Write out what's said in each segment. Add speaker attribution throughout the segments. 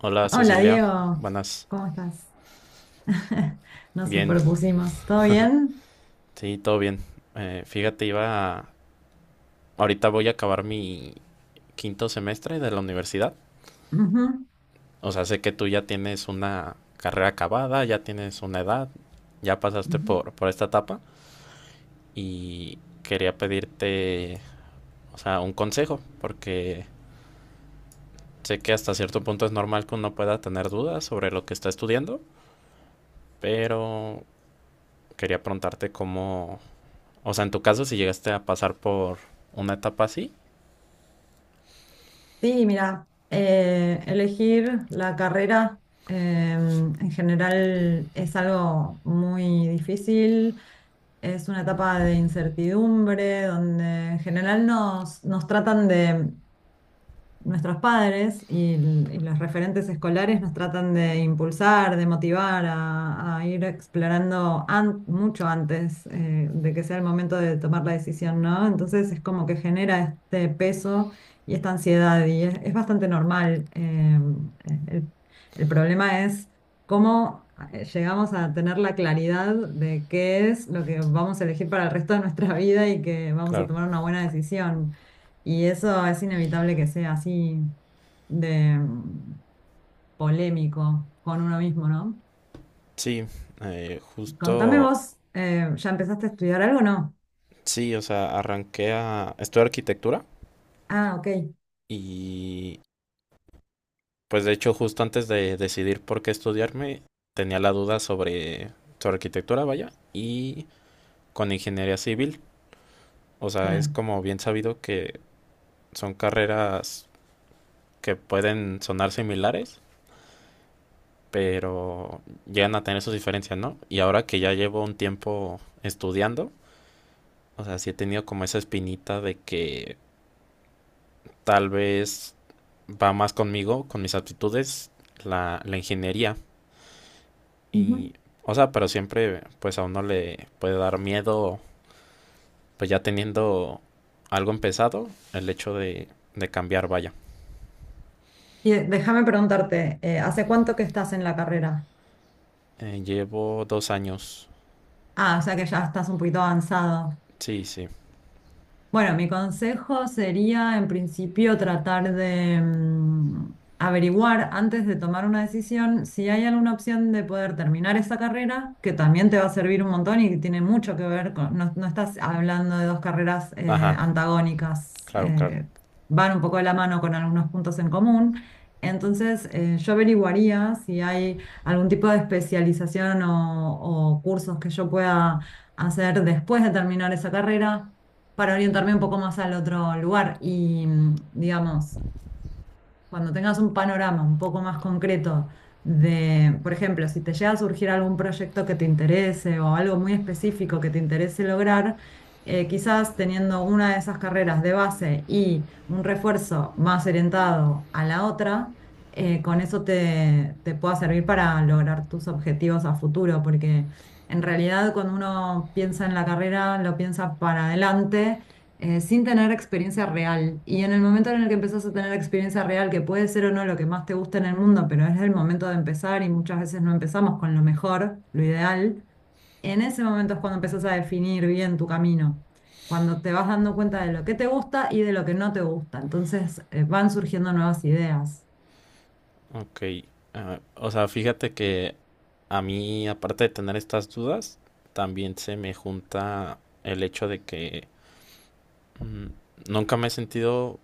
Speaker 1: Hola
Speaker 2: Hola
Speaker 1: Cecilia,
Speaker 2: Diego,
Speaker 1: buenas.
Speaker 2: ¿cómo estás? Nos
Speaker 1: Bien,
Speaker 2: superpusimos, ¿todo bien?
Speaker 1: sí, todo bien. Fíjate, ahorita voy a acabar mi quinto semestre de la universidad.
Speaker 2: Ujú,
Speaker 1: O sea, sé que tú ya tienes una carrera acabada, ya tienes una edad, ya pasaste
Speaker 2: ujú.
Speaker 1: por esta etapa y quería pedirte, o sea, un consejo, porque sé que hasta cierto punto es normal que uno pueda tener dudas sobre lo que está estudiando, pero quería preguntarte cómo, o sea, en tu caso, si llegaste a pasar por una etapa así.
Speaker 2: Sí, mira, elegir la carrera en general es algo muy difícil, es una etapa de incertidumbre donde en general nos tratan de nuestros padres y, y los referentes escolares nos tratan de impulsar, de motivar a ir explorando mucho antes de que sea el momento de tomar la decisión, ¿no? Entonces es como que genera este peso y esta ansiedad y es bastante normal. El, el problema es cómo... llegamos a tener la claridad de qué es lo que vamos a elegir para el resto de nuestra vida y que vamos a
Speaker 1: Claro.
Speaker 2: tomar una buena decisión, y eso es inevitable que sea así de polémico con uno mismo, ¿no?
Speaker 1: Sí,
Speaker 2: Contame
Speaker 1: justo,
Speaker 2: vos, ¿ya empezaste a estudiar algo o no?
Speaker 1: sí, o sea, arranqué a estudiar arquitectura
Speaker 2: Ah, ok,
Speaker 1: y pues de hecho justo antes de decidir por qué estudiarme tenía la duda sobre arquitectura, vaya, y con ingeniería civil. O sea, es
Speaker 2: claro.
Speaker 1: como bien sabido que son carreras que pueden sonar similares, pero llegan a tener sus diferencias, ¿no? Y ahora que ya llevo un tiempo estudiando, o sea, sí he tenido como esa espinita de que tal vez va más conmigo, con mis aptitudes, la ingeniería.
Speaker 2: Ujú.
Speaker 1: Y, o sea, pero siempre pues a uno le puede dar miedo, pues ya teniendo algo empezado, el hecho de cambiar, vaya.
Speaker 2: Y déjame preguntarte, ¿hace cuánto que estás en la carrera?
Speaker 1: Llevo 2 años.
Speaker 2: Ah, o sea que ya estás un poquito avanzado.
Speaker 1: Sí, sí.
Speaker 2: Bueno, mi consejo sería en principio tratar de averiguar antes de tomar una decisión si hay alguna opción de poder terminar esa carrera, que también te va a servir un montón y que tiene mucho que ver con, no, no estás hablando de dos carreras
Speaker 1: Ajá,
Speaker 2: antagónicas,
Speaker 1: claro, claro.
Speaker 2: van un poco de la mano con algunos puntos en común. Entonces, yo averiguaría si hay algún tipo de especialización o cursos que yo pueda hacer después de terminar esa carrera para orientarme un poco más al otro lugar. Y digamos, cuando tengas un panorama un poco más concreto de, por ejemplo, si te llega a surgir algún proyecto que te interese o algo muy específico que te interese lograr, quizás teniendo una de esas carreras de base y un refuerzo más orientado a la otra, con eso te pueda servir para lograr tus objetivos a futuro, porque en realidad cuando uno piensa en la carrera, lo piensa para adelante sin tener experiencia real. Y en el momento en el que empezás a tener experiencia real, que puede ser o no lo que más te gusta en el mundo, pero es el momento de empezar y muchas veces no empezamos con lo mejor, lo ideal, en ese momento es cuando empezás a definir bien tu camino, cuando te vas dando cuenta de lo que te gusta y de lo que no te gusta. Entonces, van surgiendo nuevas ideas.
Speaker 1: Ok. Ah, o sea, fíjate que a mí, aparte de tener estas dudas, también se me junta el hecho de que Mm, nunca me he sentido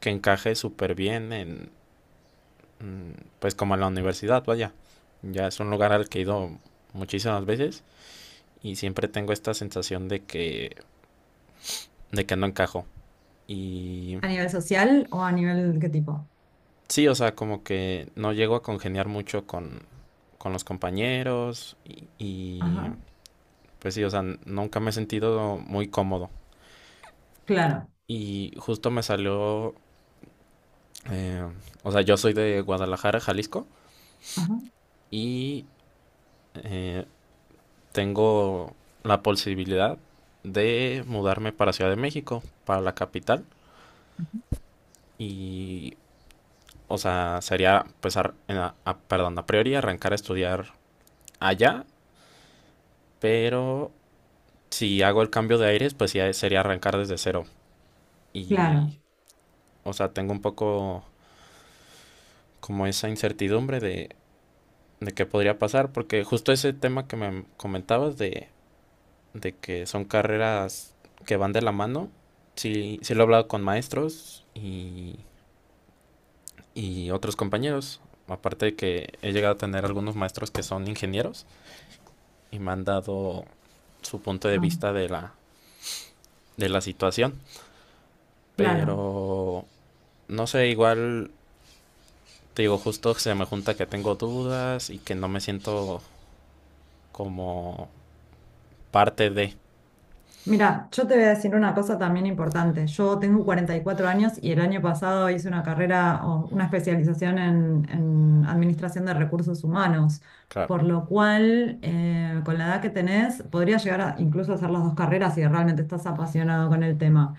Speaker 1: que encaje súper bien en, mm, pues como en la universidad, vaya. Ya es un lugar al que he ido muchísimas veces y siempre tengo esta sensación de que no encajo. Y
Speaker 2: ¿A nivel social o a nivel qué tipo?
Speaker 1: sí, o sea, como que no llego a congeniar mucho con los compañeros y,
Speaker 2: Ajá,
Speaker 1: pues sí, o sea, nunca me he sentido muy cómodo.
Speaker 2: claro,
Speaker 1: Y justo me salió, eh, o sea, yo soy de Guadalajara, Jalisco,
Speaker 2: ajá,
Speaker 1: y eh, tengo la posibilidad de mudarme para Ciudad de México, para la capital. Y, o sea, sería, pues, perdón, a priori arrancar a estudiar allá, pero si hago el cambio de aires, pues ya sería arrancar desde cero.
Speaker 2: claro,
Speaker 1: Y, o sea, tengo un poco como esa incertidumbre de qué podría pasar, porque justo ese tema que me comentabas de que son carreras que van de la mano. Sí, sí lo he hablado con maestros y otros compañeros. Aparte de que he llegado a tener algunos maestros que son ingenieros y me han dado su punto de
Speaker 2: ah,
Speaker 1: vista de de la situación.
Speaker 2: claro.
Speaker 1: Pero no sé, igual te digo, justo se me junta que tengo dudas y que no me siento como parte de.
Speaker 2: Mira, yo te voy a decir una cosa también importante. Yo tengo 44 años y el año pasado hice una carrera o una especialización en administración de recursos humanos,
Speaker 1: Claro,
Speaker 2: por lo cual con la edad que tenés podrías llegar a incluso hacer las dos carreras si realmente estás apasionado con el tema.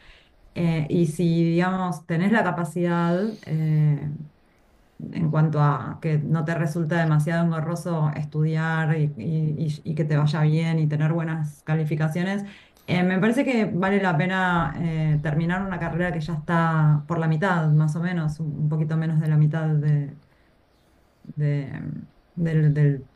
Speaker 2: Y si, digamos, tenés la capacidad, en cuanto a que no te resulta demasiado engorroso estudiar y, y que te vaya bien y tener buenas calificaciones. Me parece que vale la pena terminar una carrera que ya está por la mitad, más o menos, un poquito menos de la mitad de, del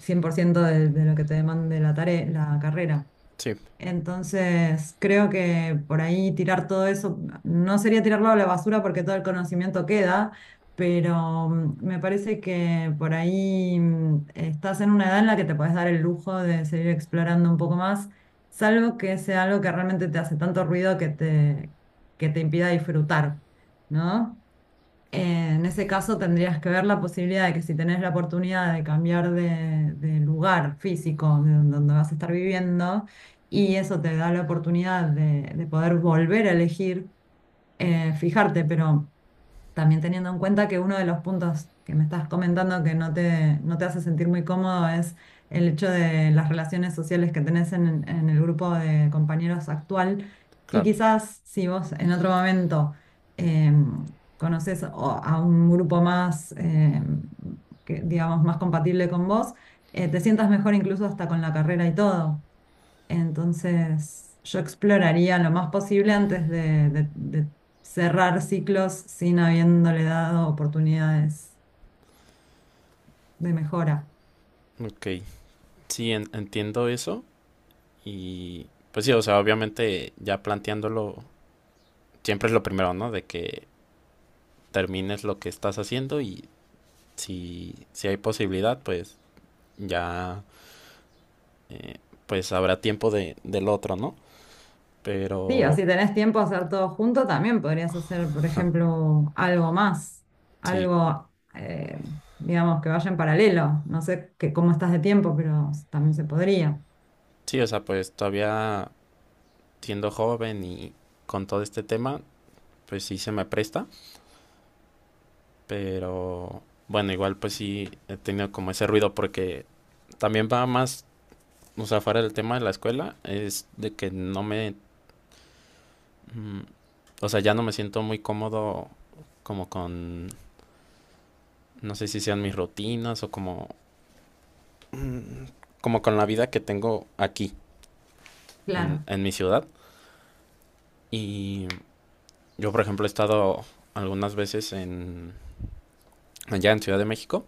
Speaker 2: 100% de lo que te demande la tarea, la carrera.
Speaker 1: sí,
Speaker 2: Entonces, creo que por ahí tirar todo eso, no sería tirarlo a la basura porque todo el conocimiento queda, pero me parece que por ahí estás en una edad en la que te puedes dar el lujo de seguir explorando un poco más, salvo que sea algo que realmente te hace tanto ruido que que te impida disfrutar, ¿no? En ese caso tendrías que ver la posibilidad de que si tenés la oportunidad de cambiar de lugar físico de donde vas a estar viviendo y eso te da la oportunidad de poder volver a elegir, fijarte, pero... También teniendo en cuenta que uno de los puntos que me estás comentando que no no te hace sentir muy cómodo es el hecho de las relaciones sociales que tenés en el grupo de compañeros actual. Y
Speaker 1: claro.
Speaker 2: quizás si vos en otro momento em, conocés a un grupo más, que, digamos, más compatible con vos, te sientas mejor incluso hasta con la carrera y todo. Entonces, yo exploraría lo más posible antes de, de cerrar ciclos sin habiéndole dado oportunidades de mejora.
Speaker 1: Ok, sí, entiendo eso. Y pues sí, o sea, obviamente ya planteándolo, siempre es lo primero, ¿no? De que termines lo que estás haciendo y si hay posibilidad, pues ya pues habrá tiempo de, del otro, ¿no?
Speaker 2: Sí, o
Speaker 1: Pero
Speaker 2: si tenés tiempo a hacer todo junto, también podrías hacer, por ejemplo, algo más,
Speaker 1: sí,
Speaker 2: algo, digamos, que vaya en paralelo. No sé cómo estás de tiempo, pero también se podría.
Speaker 1: sí, o sea, pues todavía siendo joven y con todo este tema, pues sí se me presta, pero bueno, igual pues sí he tenido como ese ruido porque también va más, o sea, fuera del tema de la escuela, es de que no me Mm, o sea, ya no me siento muy cómodo como con, no sé si sean mis rutinas o como, como con la vida que tengo aquí
Speaker 2: Claro,
Speaker 1: en mi ciudad. Y yo, por ejemplo, he estado algunas veces en, allá en Ciudad de México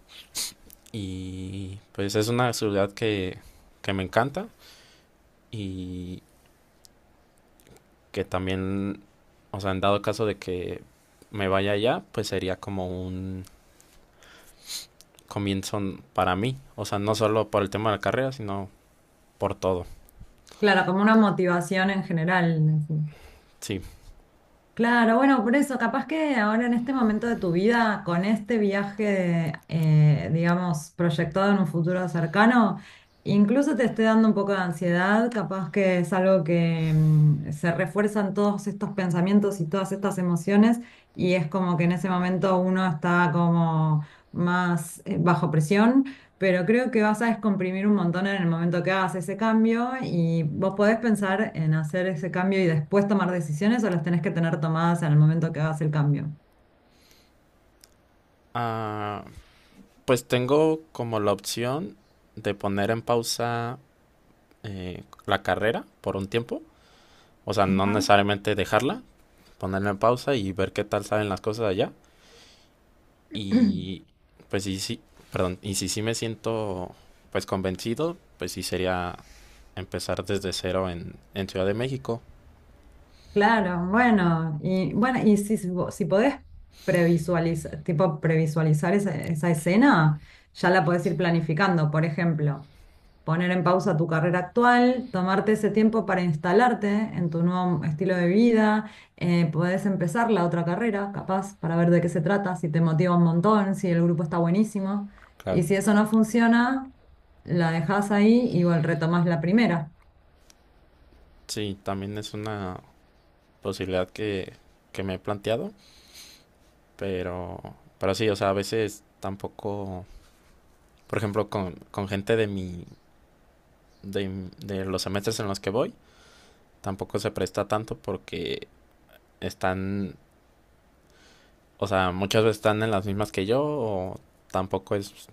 Speaker 1: y pues es una ciudad que me encanta y que también, o sea, en dado caso de que me vaya allá, pues sería como un comienzo para mí. O sea, no solo por el tema de la carrera, sino por todo,
Speaker 2: claro, como una motivación en general. Así.
Speaker 1: sí.
Speaker 2: Claro, bueno, por eso, capaz que ahora en este momento de tu vida, con este viaje, digamos, proyectado en un futuro cercano, incluso te esté dando un poco de ansiedad, capaz que es algo que se refuerzan todos estos pensamientos y todas estas emociones, y es como que en ese momento uno está como más bajo presión, pero creo que vas a descomprimir un montón en el momento que hagas ese cambio y vos podés pensar en hacer ese cambio y después tomar decisiones o las tenés que tener tomadas en el momento que hagas el cambio.
Speaker 1: Ah, pues tengo como la opción de poner en pausa la carrera por un tiempo. O sea, no
Speaker 2: Ajá.
Speaker 1: necesariamente dejarla, ponerla en pausa y ver qué tal saben las cosas allá. Y pues sí, sí, perdón, y si sí me siento pues convencido, pues sí sería empezar desde cero en Ciudad de México.
Speaker 2: Claro, bueno, y bueno, y si, si podés previsualizar, tipo previsualizar esa escena, ya la podés ir planificando. Por ejemplo, poner en pausa tu carrera actual, tomarte ese tiempo para instalarte en tu nuevo estilo de vida, podés empezar la otra carrera, capaz, para ver de qué se trata, si te motiva un montón, si el grupo está buenísimo.
Speaker 1: Claro.
Speaker 2: Y si eso no funciona, la dejás ahí y bueno, retomás la primera.
Speaker 1: Sí, también es una posibilidad que me he planteado. Pero, pero sí, o sea, a veces tampoco, por ejemplo, con gente de mi, de, de los semestres en los que voy, tampoco se presta tanto porque están, o sea, muchas veces están en las mismas que yo o tampoco es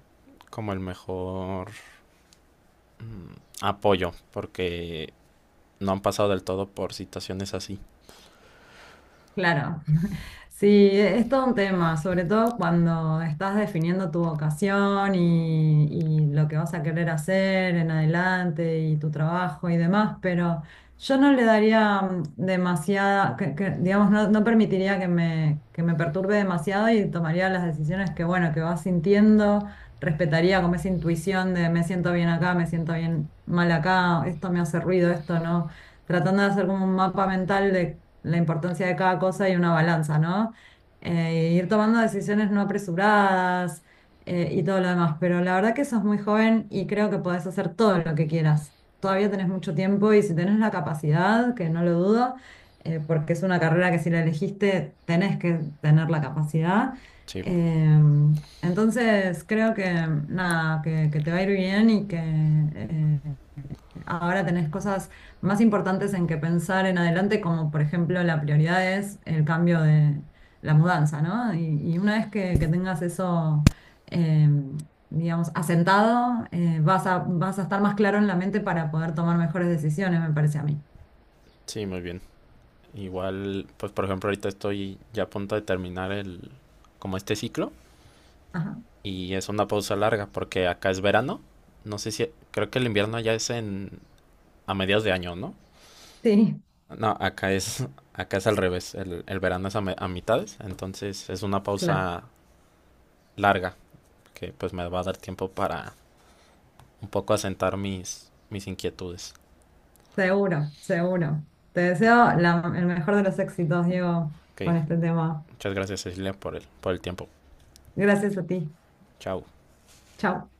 Speaker 1: como el mejor mm, apoyo porque no han pasado del todo por situaciones así.
Speaker 2: Claro, sí, es todo un tema, sobre todo cuando estás definiendo tu vocación y lo que vas a querer hacer en adelante y tu trabajo y demás, pero yo no le daría demasiada, que, digamos, no, no permitiría que que me perturbe demasiado y tomaría las decisiones que, bueno, que vas sintiendo, respetaría como esa intuición de me siento bien acá, me siento bien mal acá, esto me hace ruido, esto no, tratando de hacer como un mapa mental de la importancia de cada cosa y una balanza, ¿no? Ir tomando decisiones no apresuradas y todo lo demás. Pero la verdad que sos muy joven y creo que podés hacer todo lo que quieras. Todavía tenés mucho tiempo y si tenés la capacidad, que no lo dudo, porque es una carrera que si la elegiste tenés que tener la capacidad.
Speaker 1: Sí,
Speaker 2: Entonces creo que nada, que te va a ir bien y que ahora tenés cosas más importantes en que pensar en adelante, como por ejemplo la prioridad es el cambio de la mudanza, ¿no? Y una vez que tengas eso, eh, digamos, asentado, vas a estar más claro en la mente para poder tomar mejores decisiones, me parece a mí.
Speaker 1: sí, muy bien. Igual, pues por ejemplo, ahorita estoy ya a punto de terminar el, como este ciclo
Speaker 2: Ajá.
Speaker 1: y es una pausa larga porque acá es verano. No sé si creo que el invierno ya es en a mediados de año, ¿no?
Speaker 2: Sí,
Speaker 1: No, acá es acá es al revés, el verano es a, a mitades, entonces es una
Speaker 2: claro,
Speaker 1: pausa larga que pues me va a dar tiempo para un poco asentar mis mis inquietudes.
Speaker 2: seguro, seguro. Te deseo el mejor de los éxitos, Diego,
Speaker 1: Ok,
Speaker 2: con este tema.
Speaker 1: muchas gracias Cecilia por el tiempo.
Speaker 2: Gracias a ti.
Speaker 1: Chao.
Speaker 2: Chao.